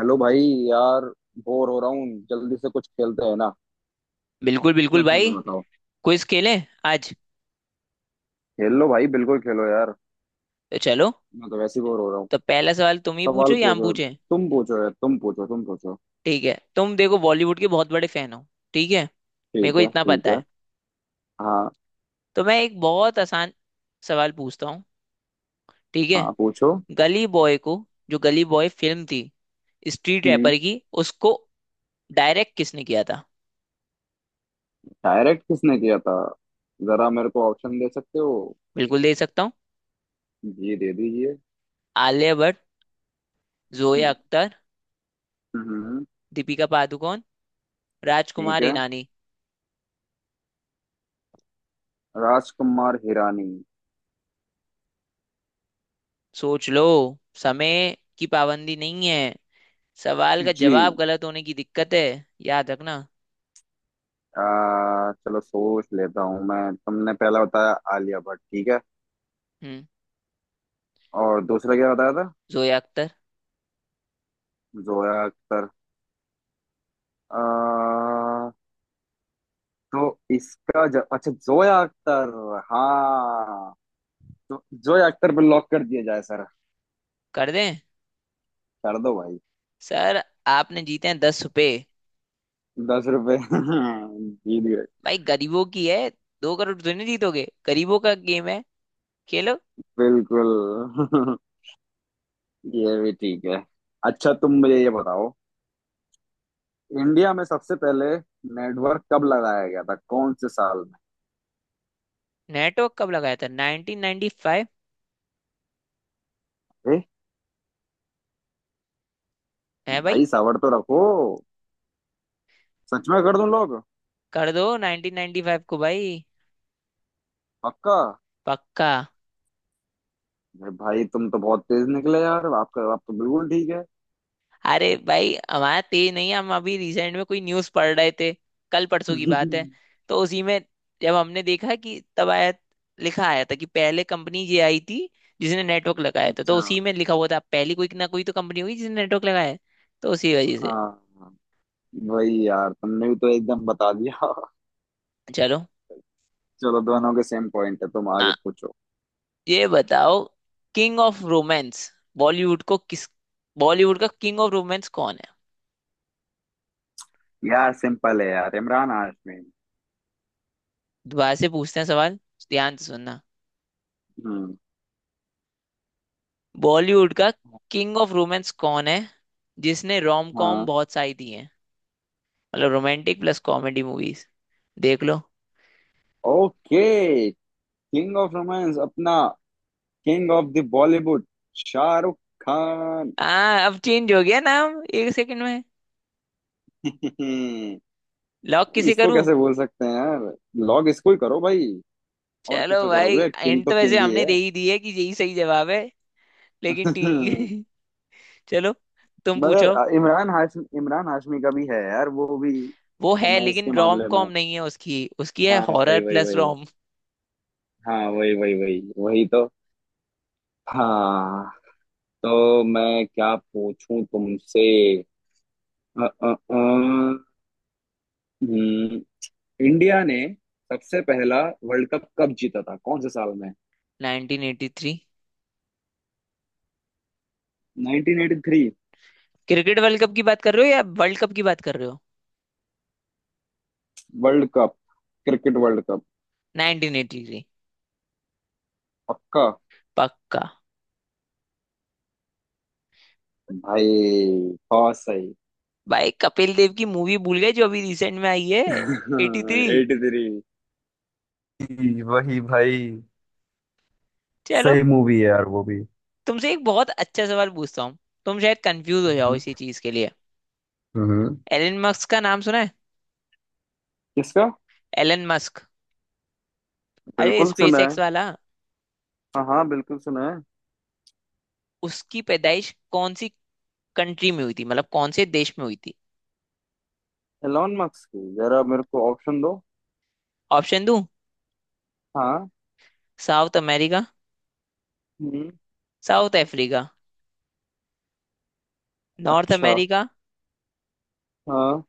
Hello भाई। यार bore हो रहा हूँ, जल्दी से कुछ खेलते हैं ना। बिल्कुल बिल्कुल क्या भाई। खेलना बताओ। क्विज खेलें आज। खेल लो भाई, बिल्कुल खेलो यार। तो चलो। मैं तो वैसे ही बोर हो रहा हूँ। तो पहला सवाल तुम ही पूछो सवाल या हम पूछो। पूछें? तुम पूछो यार, तुम पूछो तुम पूछो। ठीक है, तुम देखो बॉलीवुड के बहुत बड़े फैन हो, ठीक है। मेरे ठीक को है इतना ठीक पता है। है। हाँ, तो मैं एक बहुत आसान सवाल पूछता हूँ, ठीक है। हाँ पूछो। गली बॉय को, जो गली बॉय फिल्म थी स्ट्रीट हम्म। रैपर की, उसको डायरेक्ट किसने किया था? डायरेक्ट किसने किया था? जरा मेरे को ऑप्शन दे सकते हो? बिल्कुल दे सकता हूँ। जी दे दीजिए। आलिया भट्ट, जोया हम्म। अख्तर, हम्म। दीपिका पादुकोण, ठीक राजकुमार है। ईरानी। राजकुमार हिरानी। सोच लो, समय की पाबंदी नहीं है। सवाल का जी। जवाब गलत होने की दिक्कत है। याद रखना। चलो सोच लेता हूँ मैं। तुमने पहला बताया आलिया भट्ट, ठीक है। हम्म, और दूसरा क्या बताया था? जोया अख्तर। जोया अख्तर। आ, तो इसका अच्छा, जोया अख्तर। हाँ, तो जोया अख्तर पे लॉक कर दिया जाए सर। कर दें कर दो भाई। सर? आपने जीते हैं दस रुपए। 10 रुपए जीत गए। भाई गरीबों की है, दो करोड़ तो नहीं जीतोगे, गरीबों का गेम है, खेलो। बिल्कुल। ये भी ठीक है। अच्छा तुम मुझे ये बताओ, इंडिया में सबसे पहले नेटवर्क कब लगाया गया था, कौन से साल नेटवर्क कब लगाया था? 1995। में? है भाई। भाई सावर तो रखो। सच में कर दूं लोग। कर दो 1995 को भाई। पक्का। पक्का। अरे भाई तुम तो बहुत तेज निकले यार, आपका आप तो बिल्कुल ठीक अरे भाई हमारा तेज नहीं है, हम अभी रिसेंट में कोई न्यूज़ पढ़ रहे थे, कल है। परसों की बात है। तो उसी में, जब हमने देखा कि तब आया, लिखा आया था कि पहले कंपनी ये आई थी जिसने नेटवर्क लगाया था। तो अच्छा। उसी में लिखा हुआ था, पहली कोई ना कोई तो कंपनी होगी जिसने नेटवर्क लगाया है। तो उसी वजह से। हाँ वही यार, तुमने भी तो एकदम बता दिया। चलो। चलो दोनों के सेम पॉइंट है, तुम आगे हाँ, पूछो। ये बताओ, किंग ऑफ रोमांस बॉलीवुड को किस, बॉलीवुड का किंग ऑफ रोमांस कौन है? यार सिंपल है यार, इमरान हाशमी। दोबारा से पूछते हैं सवाल, ध्यान से सुनना। हम्म। बॉलीवुड का किंग ऑफ रोमांस कौन है, जिसने रोम कॉम हाँ। बहुत सारी दी है, मतलब रोमांटिक प्लस कॉमेडी मूवीज? देख लो। ओके। किंग ऑफ रोमांस अपना king of the Bollywood Shahrukh Khan. अब चेंज हो गया नाम एक सेकंड में। लॉक किसे इसको करूं? कैसे बोल सकते हैं यार। लॉग इसको ही करो भाई। और चलो किसे भाई, करोगे, किंग एंड तो तो वैसे किंग ही हमने है। दे ही दी है कि यही सही जवाब है। लेकिन ठीक है चलो, तुम पूछो। मगर इमरान हाशमी, इमरान हाशमी का भी है यार, वो भी वो है, रोमांस लेकिन के रोम मामले में। कॉम नहीं है, उसकी उसकी है हाँ हॉरर वही वही प्लस वही। रोम। हाँ वही वही वही वही तो। हाँ, तो मैं क्या पूछूं तुमसे? अ, अ, अ, हम्म, इंडिया ने सबसे पहला वर्ल्ड कप कब जीता था, कौन से साल में? 1983। 1983। क्रिकेट वर्ल्ड कप की बात कर रहे हो या वर्ल्ड कप की बात कर रहे हो? World cup, cricket world cup. 1983। पक्का। पक्का। भाई बहुत सही। भाई कपिल देव की मूवी भूल गए जो अभी रिसेंट में आई है, 83। 83। जी, वही भाई। चलो, सही मूवी है यार वो भी। तुमसे एक बहुत अच्छा सवाल पूछता हूँ। तुम शायद कंफ्यूज हो जाओ हम्म। इसी चीज के लिए। हम्म। एलन मस्क का नाम सुना है? किसका? Elon Musk. अरे बिल्कुल स्पेस सुना है। एक्स वाला। हाँ हाँ बिल्कुल सुना है। उसकी पैदाइश कौन सी कंट्री में हुई थी, मतलब कौन से देश में हुई थी? एलॉन मस्क की, जरा मेरे को ऑप्शन दो। ऑप्शन दूं? हाँ। South America, hmm. South Africa, North अच्छा। अमेरिका, हाँ।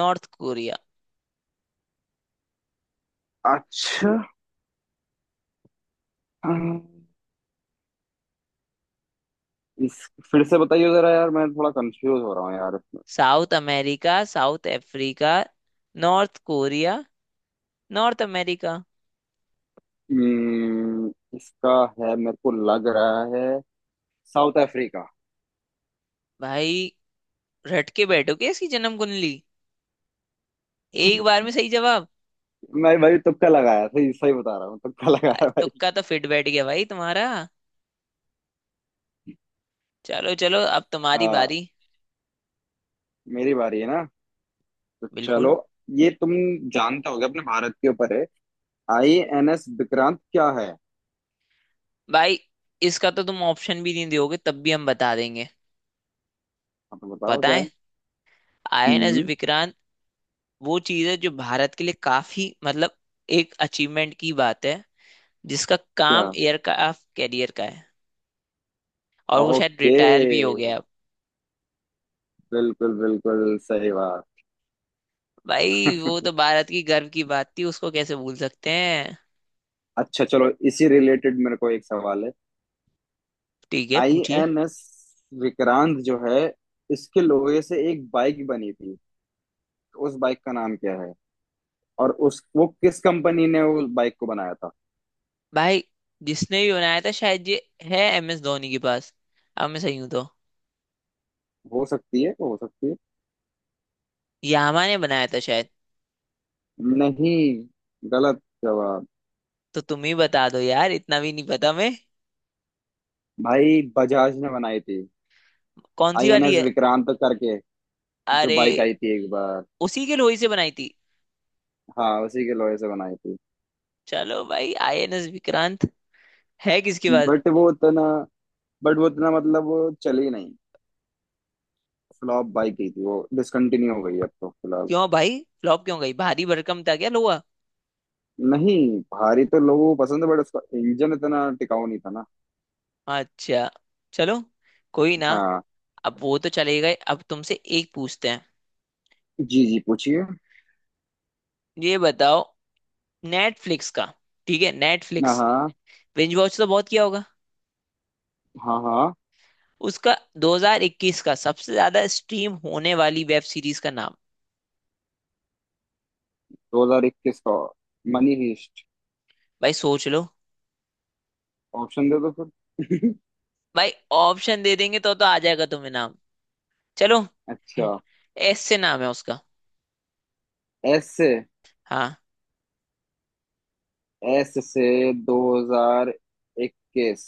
North Korea. अच्छा। हम्म, इस फिर से बताइए जरा यार, मैं थोड़ा कंफ्यूज हो रहा हूँ यार इसमें। South America, South Africa, North Korea, North America. हम्म, इसका है मेरे को लग रहा है साउथ अफ्रीका। भाई, रट के बैठो क्या इसकी जन्म कुंडली? एक बार में सही जवाब। मैं भाई तुक्का लगाया, सही सही बता रहा हूँ, तुक्का लगाया भाई। तुक्का तो फिट बैठ गया भाई तुम्हारा। चलो चलो, अब तुम्हारी हाँ। बारी। मेरी बारी है ना, तो चलो। बिल्कुल। ये तुम जानते होगे, अपने भारत के ऊपर है, आई एन एस विक्रांत क्या है? भाई, इसका तो तुम ऑप्शन भी नहीं दोगे तब भी हम बता देंगे। आप बताओ क्या बताएं? है। आईएनएस हम्म। विक्रांत वो चीज है जो भारत के लिए काफी, मतलब एक अचीवमेंट की बात है, जिसका क्या? काम एयरक्राफ्ट कैरियर का है। और वो शायद ओके। रिटायर भी हो गया है अब। बिल्कुल बिल्कुल सही बात। भाई वो तो भारत की गर्व की बात थी, उसको कैसे भूल सकते हैं? अच्छा, चलो इसी रिलेटेड मेरे को एक सवाल है। ठीक है आई पूछिए। एन एस विक्रांत जो है, इसके लोहे से एक बाइक बनी थी। तो उस बाइक का नाम क्या है, और उस वो किस कंपनी ने उस बाइक को बनाया था? भाई, जिसने भी बनाया था शायद ये है एम एस धोनी के पास, अब मैं सही हूं तो। हो सकती है हो सकती है। यामा ने बनाया था शायद। नहीं, गलत जवाब। तो तुम ही बता दो यार, इतना भी नहीं पता मैं। भाई बजाज ने बनाई थी। कौन सी आई एन वाली एस है? विक्रांत करके जो अरे, बाइक आई थी एक बार। उसी के लोही से बनाई थी। हाँ, उसी के लोहे से बनाई थी। चलो भाई। आईएनएस विक्रांत है किसके पास? बट वो उतना बट वो उतना मतलब वो चली नहीं। फ्लॉप बाइक ही थी, वो डिसकंटिन्यू हो गई है अब तो फिलहाल। क्यों भाई फ्लॉप क्यों गई? भारी भरकम था क्या लोहा? नहीं, भारी तो लोगों को पसंद है, बट उसका इंजन इतना टिकाऊ नहीं था ना। अच्छा चलो, कोई ना। हाँ। अब वो तो चले गए, अब तुमसे एक पूछते हैं। जी जी पूछिए। ये बताओ, नेटफ्लिक्स का, ठीक है, हाँ नेटफ्लिक्स हाँ। बिंज वॉच तो बहुत किया होगा, हाँ हाँ। उसका 2021 का सबसे ज्यादा स्ट्रीम होने वाली वेब सीरीज का नाम। 2021 का मनी हीस्ट। भाई सोच लो। ऑप्शन दे दो फिर। भाई ऑप्शन दे देंगे तो आ जाएगा तुम्हें नाम। चलो। अच्छा। एस से नाम है उसका। एस से? हाँ, एस से 2021।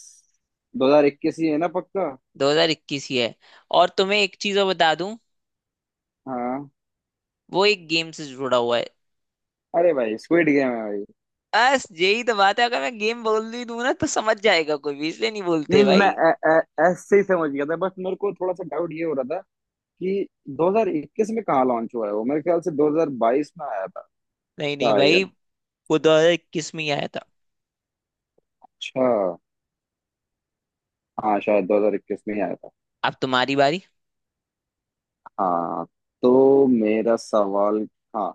2021 ही है ना पक्का? 2021 ही है। और तुम्हें एक चीज और बता दूं, हाँ। वो एक गेम से जुड़ा हुआ है। अरे भाई स्क्विड गेम है भाई। बस यही तो बात है, अगर मैं गेम बोल दी दूं ना तो समझ जाएगा कोई भी, इसलिए नहीं बोलते नहीं मैं भाई। ए, ए, एस से ही समझ गया था, बस मेरे को थोड़ा सा डाउट ये हो रहा कि 2021 में कहाँ लॉन्च हुआ है वो, मेरे ख्याल से 2022 में आया था नहीं नहीं भाई, शायद। वो 2021 में ही आया था। अच्छा हाँ, शायद 2021 में ही आया था। अब तुम्हारी बारी। हाँ, तो मेरा सवाल। हाँ,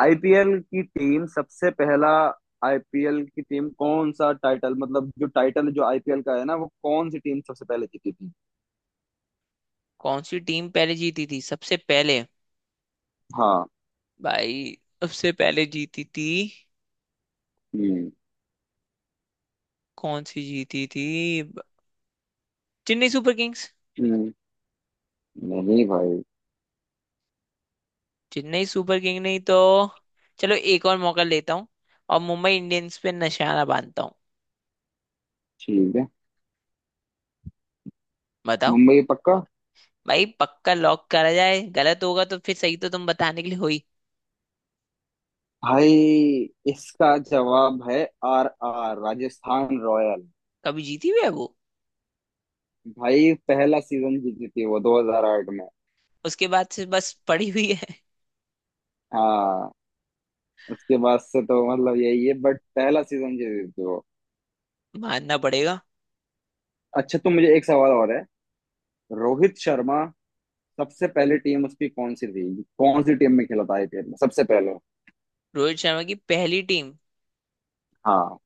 आईपीएल की टीम सबसे पहला, आईपीएल की टीम कौन सा टाइटल, मतलब जो टाइटल जो आईपीएल का है ना, वो कौन सी टीम सबसे पहले जीती थी? कौन सी टीम पहले जीती थी सबसे पहले? हाँ। भाई, सबसे पहले जीती थी हम्म। कौन सी जीती थी? ब- चेन्नई सुपर किंग्स। हम्म, नहीं भाई। चेन्नई सुपर किंग नहीं तो? चलो, एक और मौका लेता हूँ, और मुंबई इंडियंस पे निशाना बांधता हूँ। ठीक है। बताओ। मुंबई पक्का। भाई पक्का लॉक करा जाए, गलत होगा तो फिर सही तो तुम बताने के लिए हुई। भाई इसका जवाब है आर आर राजस्थान रॉयल। कभी जीती हुई है वो? भाई पहला सीजन जीती थी वो 2008 में। उसके बाद से बस पड़ी हुई है। हाँ, उसके बाद से तो मतलब यही है बट पहला सीजन जीती थी वो। मानना पड़ेगा। अच्छा, तो मुझे एक सवाल और है। रोहित शर्मा सबसे पहले टीम उसकी कौन सी थी, कौन सी टीम में खेला था आईपीएल में सबसे पहले? रोहित शर्मा की पहली टीम? हाँ।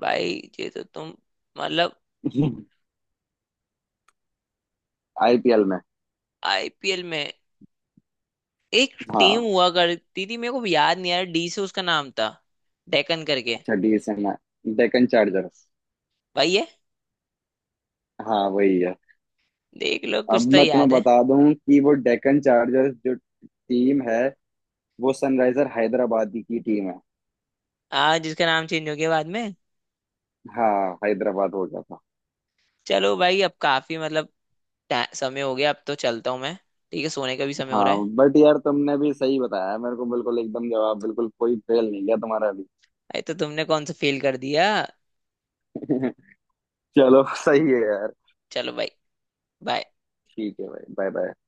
भाई, ये तो तुम, मतलब, आईपीएल में। आईपीएल में एक टीम हाँ। हुआ करती थी, मेरे को याद नहीं आ रहा, डी से उसका नाम था, डेकन करके। अच्छा डीएसएन है, डेक्कन चार्जर्स। भाई ये हाँ वही है। देख लो, अब कुछ तो मैं तुम्हें याद है। बता दूं कि वो डेक्कन चार्जर्स जो टीम है, वो सनराइजर हैदराबाद की टीम है। आज जिसका नाम चेंज हो गया बाद में। हाँ, हैदराबाद हो गया। चलो भाई, अब काफी, मतलब समय हो गया, अब तो चलता हूँ मैं। ठीक है, सोने का भी समय हो रहा है। हाँ, बट यार तुमने भी सही बताया है मेरे को, बिल्कुल एकदम जवाब, बिल्कुल कोई फेल नहीं गया तुम्हारा भी। अरे, तो तुमने कौन सा फेल कर दिया? चलो सही है यार। चलो भाई। बाय। ठीक है भाई, बाय बाय।